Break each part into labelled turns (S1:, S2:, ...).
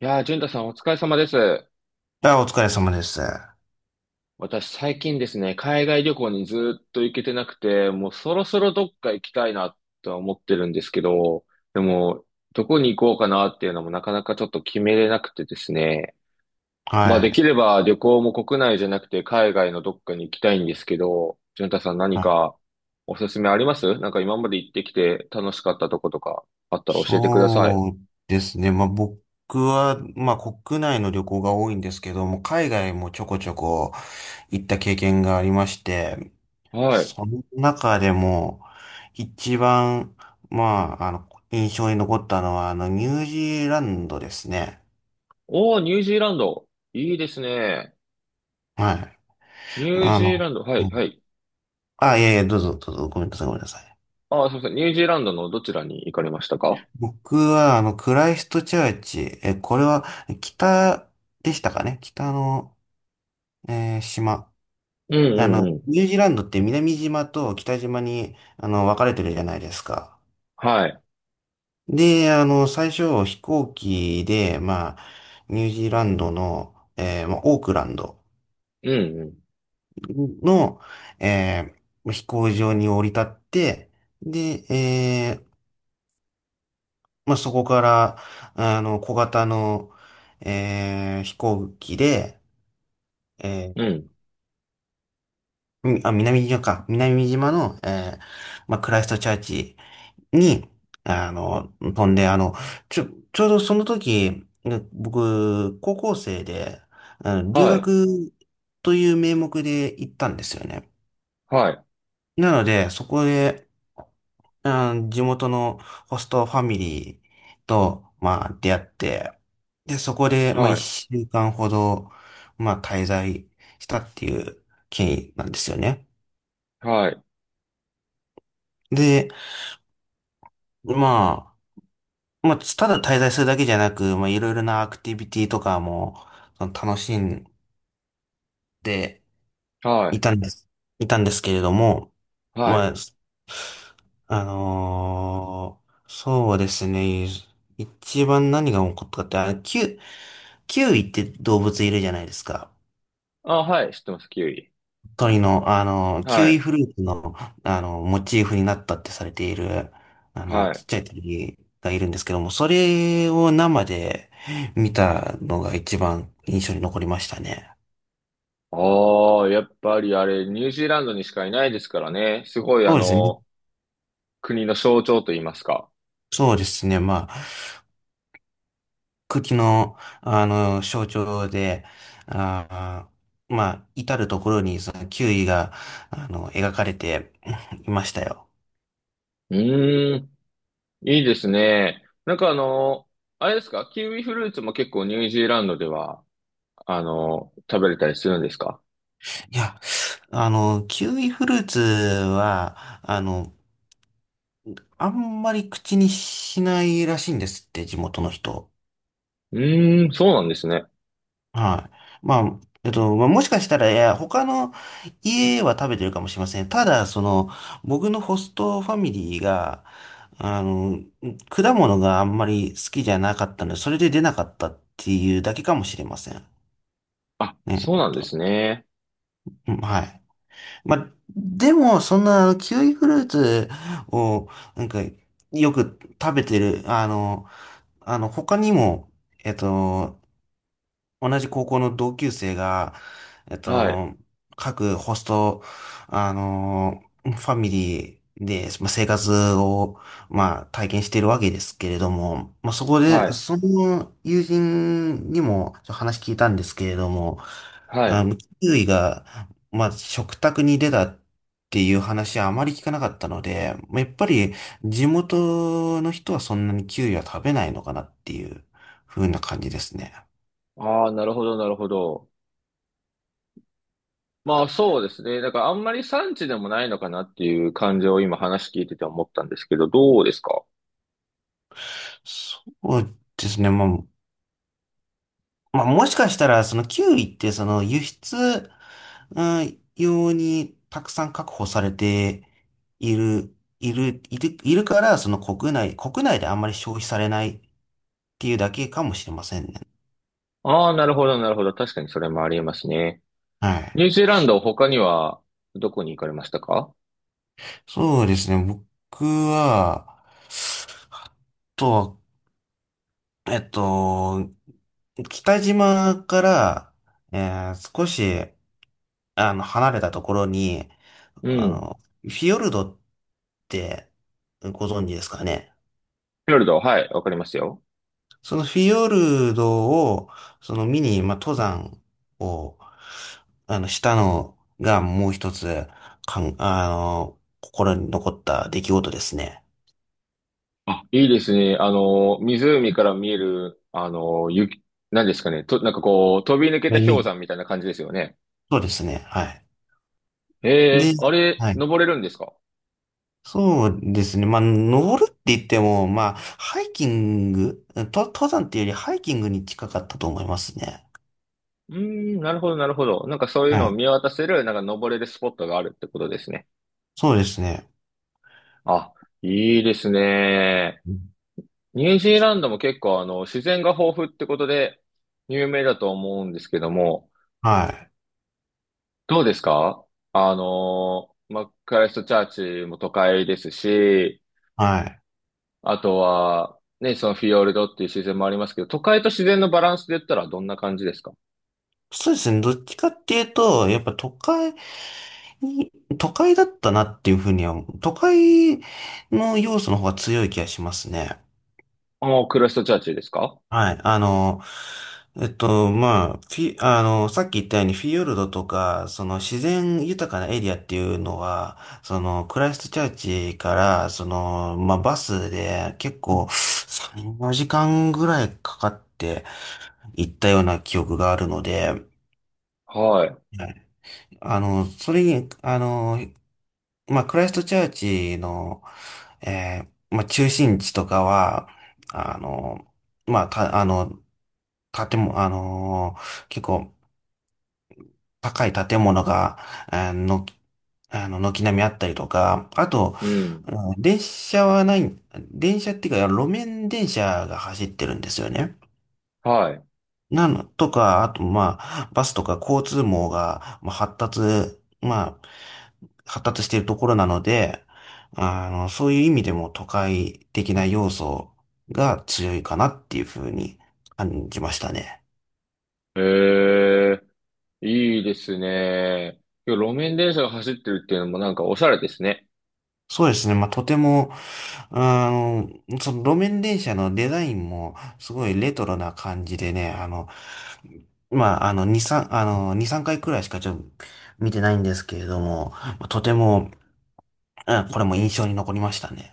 S1: いやー、淳太さんお疲れ様です。
S2: あ、お疲れ様です。は
S1: 私最近ですね、海外旅行にずーっと行けてなくて、もうそろそろどっか行きたいなとは思ってるんですけど、でも、どこに行こうかなっていうのもなかなかちょっと決めれなくてですね。まあできれ
S2: い。
S1: ば旅行も国内じゃなくて海外のどっかに行きたいんですけど、淳太さん何
S2: はい。
S1: かおすすめありますなんか今まで行ってきて楽しかったとことかあったら教えてください。
S2: そうですね。まあ、僕は、まあ、国内の旅行が多いんですけども、海外もちょこちょこ行った経験がありまして、
S1: はい。
S2: その中でも、一番、まあ、印象に残ったのは、ニュージーランドですね。
S1: おー、ニュージーランド。いいですね。
S2: はい。
S1: ニュー
S2: あ
S1: ジー
S2: の、
S1: ランド。は
S2: う
S1: い、は
S2: ん。
S1: い。
S2: あ、いやいや、どうぞ、どうぞ、ごめんなさい、ごめんなさい。
S1: ああ、そうそう。ニュージーランドのどちらに行かれましたか？
S2: 僕は、クライストチャーチ、これは、北でしたかね？北の、島。
S1: うんうんうん。
S2: ニュージーランドって南島と北島に、分かれてるじゃないですか。
S1: はい。
S2: で、最初、飛行機で、まあ、ニュージーランドの、まあ、オークランド
S1: うん
S2: の、えー飛行場に降り立って、で、まあ、そこから、小型の、飛行機で、え
S1: うん。う
S2: ー、
S1: ん。
S2: 南島か。南島の、まあ、クライストチャーチに、飛んで、ちょ、ちょうどその時、ね僕、高校生で、留
S1: はい。
S2: 学という名目で行ったんですよね。
S1: はい。
S2: なので、そこで、地元のホストファミリーと、まあ、出会って、で、そこで、まあ、
S1: は
S2: 一週間ほど、まあ、滞在したっていう経緯なんですよね。
S1: い。はい。
S2: で、ままあ、ただ滞在するだけじゃなく、まあ、いろいろなアクティビティとかも、その楽しんで
S1: は
S2: い
S1: い。
S2: たんです、いたんですけれども、
S1: は
S2: ま
S1: い。
S2: あ、そうですね。一番何が起こったかって、キュウイって動物いるじゃないですか。
S1: あ、はい。知ってます、キウイ。
S2: 鳥の、キウ
S1: は
S2: イ
S1: い。
S2: フルーツの、モチーフになったってされている、
S1: は
S2: ちっ
S1: い。
S2: ちゃい鳥がいるんですけども、それを生で見たのが一番印象に残りましたね。
S1: ああ、やっぱりあれ、ニュージーランドにしかいないですからね。すごい、あ
S2: そうですね。
S1: の、国の象徴と言いますか。
S2: そうですね。まあ、茎の、象徴で、あまあ、至るところに、その、キウイが、描かれていましたよ。
S1: うーん。いいですね。なんかあの、あれですか？キウイフルーツも結構ニュージーランドでは、あの、食べれたりするんですか？
S2: いや、キウイフルーツは、あの、あんまり口にしないらしいんですって、地元の人。
S1: うーん、そうなんですね。
S2: はい。まあ、まあ、もしかしたら、いや、他の家は食べてるかもしれません。ただ、その、僕のホストファミリーが、あの、果物があんまり好きじゃなかったので、それで出なかったっていうだけかもしれません。
S1: あ、
S2: ね。
S1: そう
S2: ちょっ
S1: なんです
S2: と。
S1: ね。
S2: うん。はい。まあ、でも、そんな、キウイフルーツを、なんか、よく食べてる、他にも、えっと、同じ高校の同級生が、えっ
S1: はい、
S2: と、各ホスト、ファミリーで、まあ、生活を、まあ、体験しているわけですけれども、まあ、そこで、
S1: はい、
S2: その友人にも話聞いたんですけれども、
S1: はい。
S2: キウイが、まあ、食卓に出たっていう話はあまり聞かなかったので、まあやっぱり地元の人はそんなにキウイは食べないのかなっていう風な感じですね。
S1: ああ、なるほど、なるほど。まあそうですね。だからあんまり産地でもないのかなっていう感じを今話聞いてて思ったんですけど、どうですか？
S2: そうですね。まあ、もしかしたら、そのキウイって、その輸出、うん、用にたくさん確保されているから、その国内であんまり消費されないっていうだけかもしれませんね。
S1: ああー、なるほど、なるほど。確かにそれもありえますね。
S2: はい。
S1: ニュージーランド、他にはどこに行かれましたか？
S2: そうですね。僕は、あとは、えっと、北島から、少し、離れたところに、
S1: うん。フ
S2: フィヨルドてご存知ですかね？
S1: ィヨルド、はい、わかりますよ。
S2: そのフィヨルドを、その見に、まあ、登山を、したのがもう一つ、かん、あの、心に残った出来事ですね。
S1: あ、いいですね。あの、湖から見える、あの、雪、何ですかね。と、なんかこう、飛び抜け
S2: ま
S1: た
S2: あ
S1: 氷
S2: み
S1: 山みたいな感じですよね。
S2: そうですね。はい。
S1: え
S2: で、
S1: え、あれ、
S2: はい。
S1: 登れるんですか？
S2: そうですね。まあ、登るって言っても、まあ、ハイキング、と、登山っていうよりハイキングに近かったと思いますね。
S1: うーん、なるほど、なるほど。なんかそういう
S2: は
S1: のを
S2: い。
S1: 見渡せる、なんか登れるスポットがあるってことですね。
S2: そうですね。
S1: あ、いいですね。
S2: うん。
S1: ニュージーランドも結構、あの、自然が豊富ってことで、有名だと思うんですけども、
S2: はい。
S1: どうですか？あの、マックライストチャーチも都会ですし、
S2: はい。
S1: あとは、ね、そのフィヨルドっていう自然もありますけど、都会と自然のバランスで言ったらどんな感じですか？
S2: そうですね。どっちかっていうと、やっぱに、都会だったなっていうふうには、都会の要素の方が強い気がしますね。
S1: ああ、クロストチャーチですか？
S2: はい。まあ、フィ、あの、さっき言ったようにフィヨルドとか、その自然豊かなエリアっていうのは、そのクライストチャーチから、その、まあ、バスで結構3、4時間ぐらいかかって行ったような記憶があるので、は
S1: はい。
S2: い。それに、まあ、クライストチャーチの、えまあ、中心地とかは、あの、まあ、た、あの、建物、結構高い建物が、あの、軒並みあったりとか、あと、
S1: うん。
S2: うん電車はない、電車っていうか、路面電車が走ってるんですよね。
S1: はい。
S2: なの、とか、あと、まあ、バスとか交通網が、まあ、まあ、発達しているところなので、そういう意味でも都会的な要素が強いかなっていうふうに感じましたね。
S1: へえ、いいですね。いや路面電車が走ってるっていうのもなんかおしゃれですね。
S2: そうですね。まあ、とても、あの、その路面電車のデザインもすごいレトロな感じでね、まあ、2、3、2、3回くらいしかちょっと見てないんですけれども、とてもうん、これも印象に残りましたね。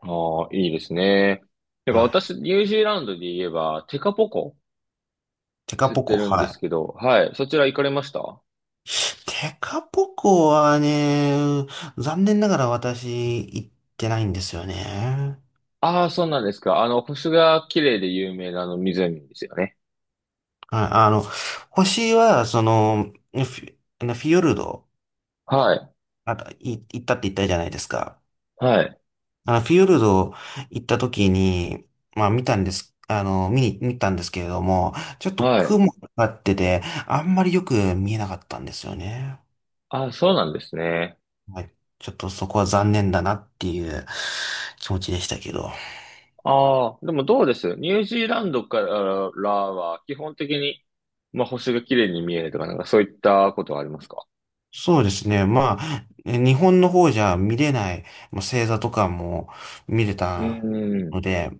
S1: ああ、いいですね。だから
S2: は
S1: 私、
S2: い。
S1: ニュージーランドで言えば、テカポコ
S2: テカ
S1: 知っ
S2: ポ
S1: て
S2: コ、
S1: るんです
S2: は
S1: けど、はい。そちら行かれました？
S2: い。テカポコはね、残念ながら私行ってないんですよね。
S1: ああ、そうなんですか。あの、星が綺麗で有名なあの湖ですよね。
S2: はい。星は、その、フィヨルド、
S1: はい。
S2: あ、行ったって言ったじゃないですか。
S1: はい。
S2: フィヨルド行った時に、まあ見たんです、見に、見たんですけれども、ちょっと
S1: はい。
S2: 雲がかかってて、あんまりよく見えなかったんですよね。
S1: あ、そうなんですね。
S2: はい。ちょっとそこは残念だなっていう気持ちでしたけど。
S1: ああ、でもどうです？ニュージーランドからは基本的に、まあ、星が綺麗に見えるとか、なんかそういったことはありますか？
S2: そうですね。まあ、日本の方じゃ見れない、まあ、星座とかも見れ
S1: う
S2: た
S1: ーん。
S2: ので、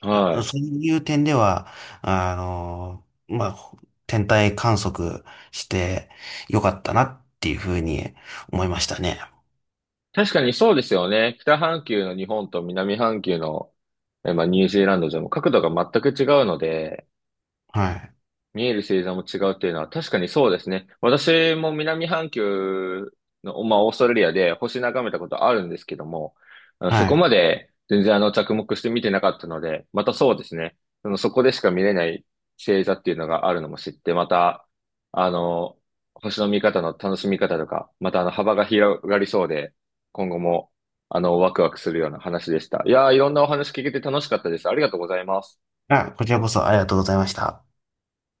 S1: はい。
S2: そういう点では、まあ、天体観測してよかったなっていうふうに思いましたね。
S1: 確かにそうですよね。北半球の日本と南半球の、えまあ、ニュージーランドじゃもう角度が全く違うので、
S2: はい。
S1: 見える星座も違うっていうのは確かにそうですね。私も南半球の、まあ、オーストラリアで星眺めたことあるんですけども、あのそ
S2: は
S1: こ
S2: い。
S1: まで全然あの着目して見てなかったので、またそうですね。そのそこでしか見れない星座っていうのがあるのも知って、また、あの、星の見方の楽しみ方とか、またあの幅が広がりそうで、今後もあのワクワクするような話でした。いやー、いろんなお話聞けて楽しかったです。ありがとうございます。
S2: あ、こちらこそありがとうございました。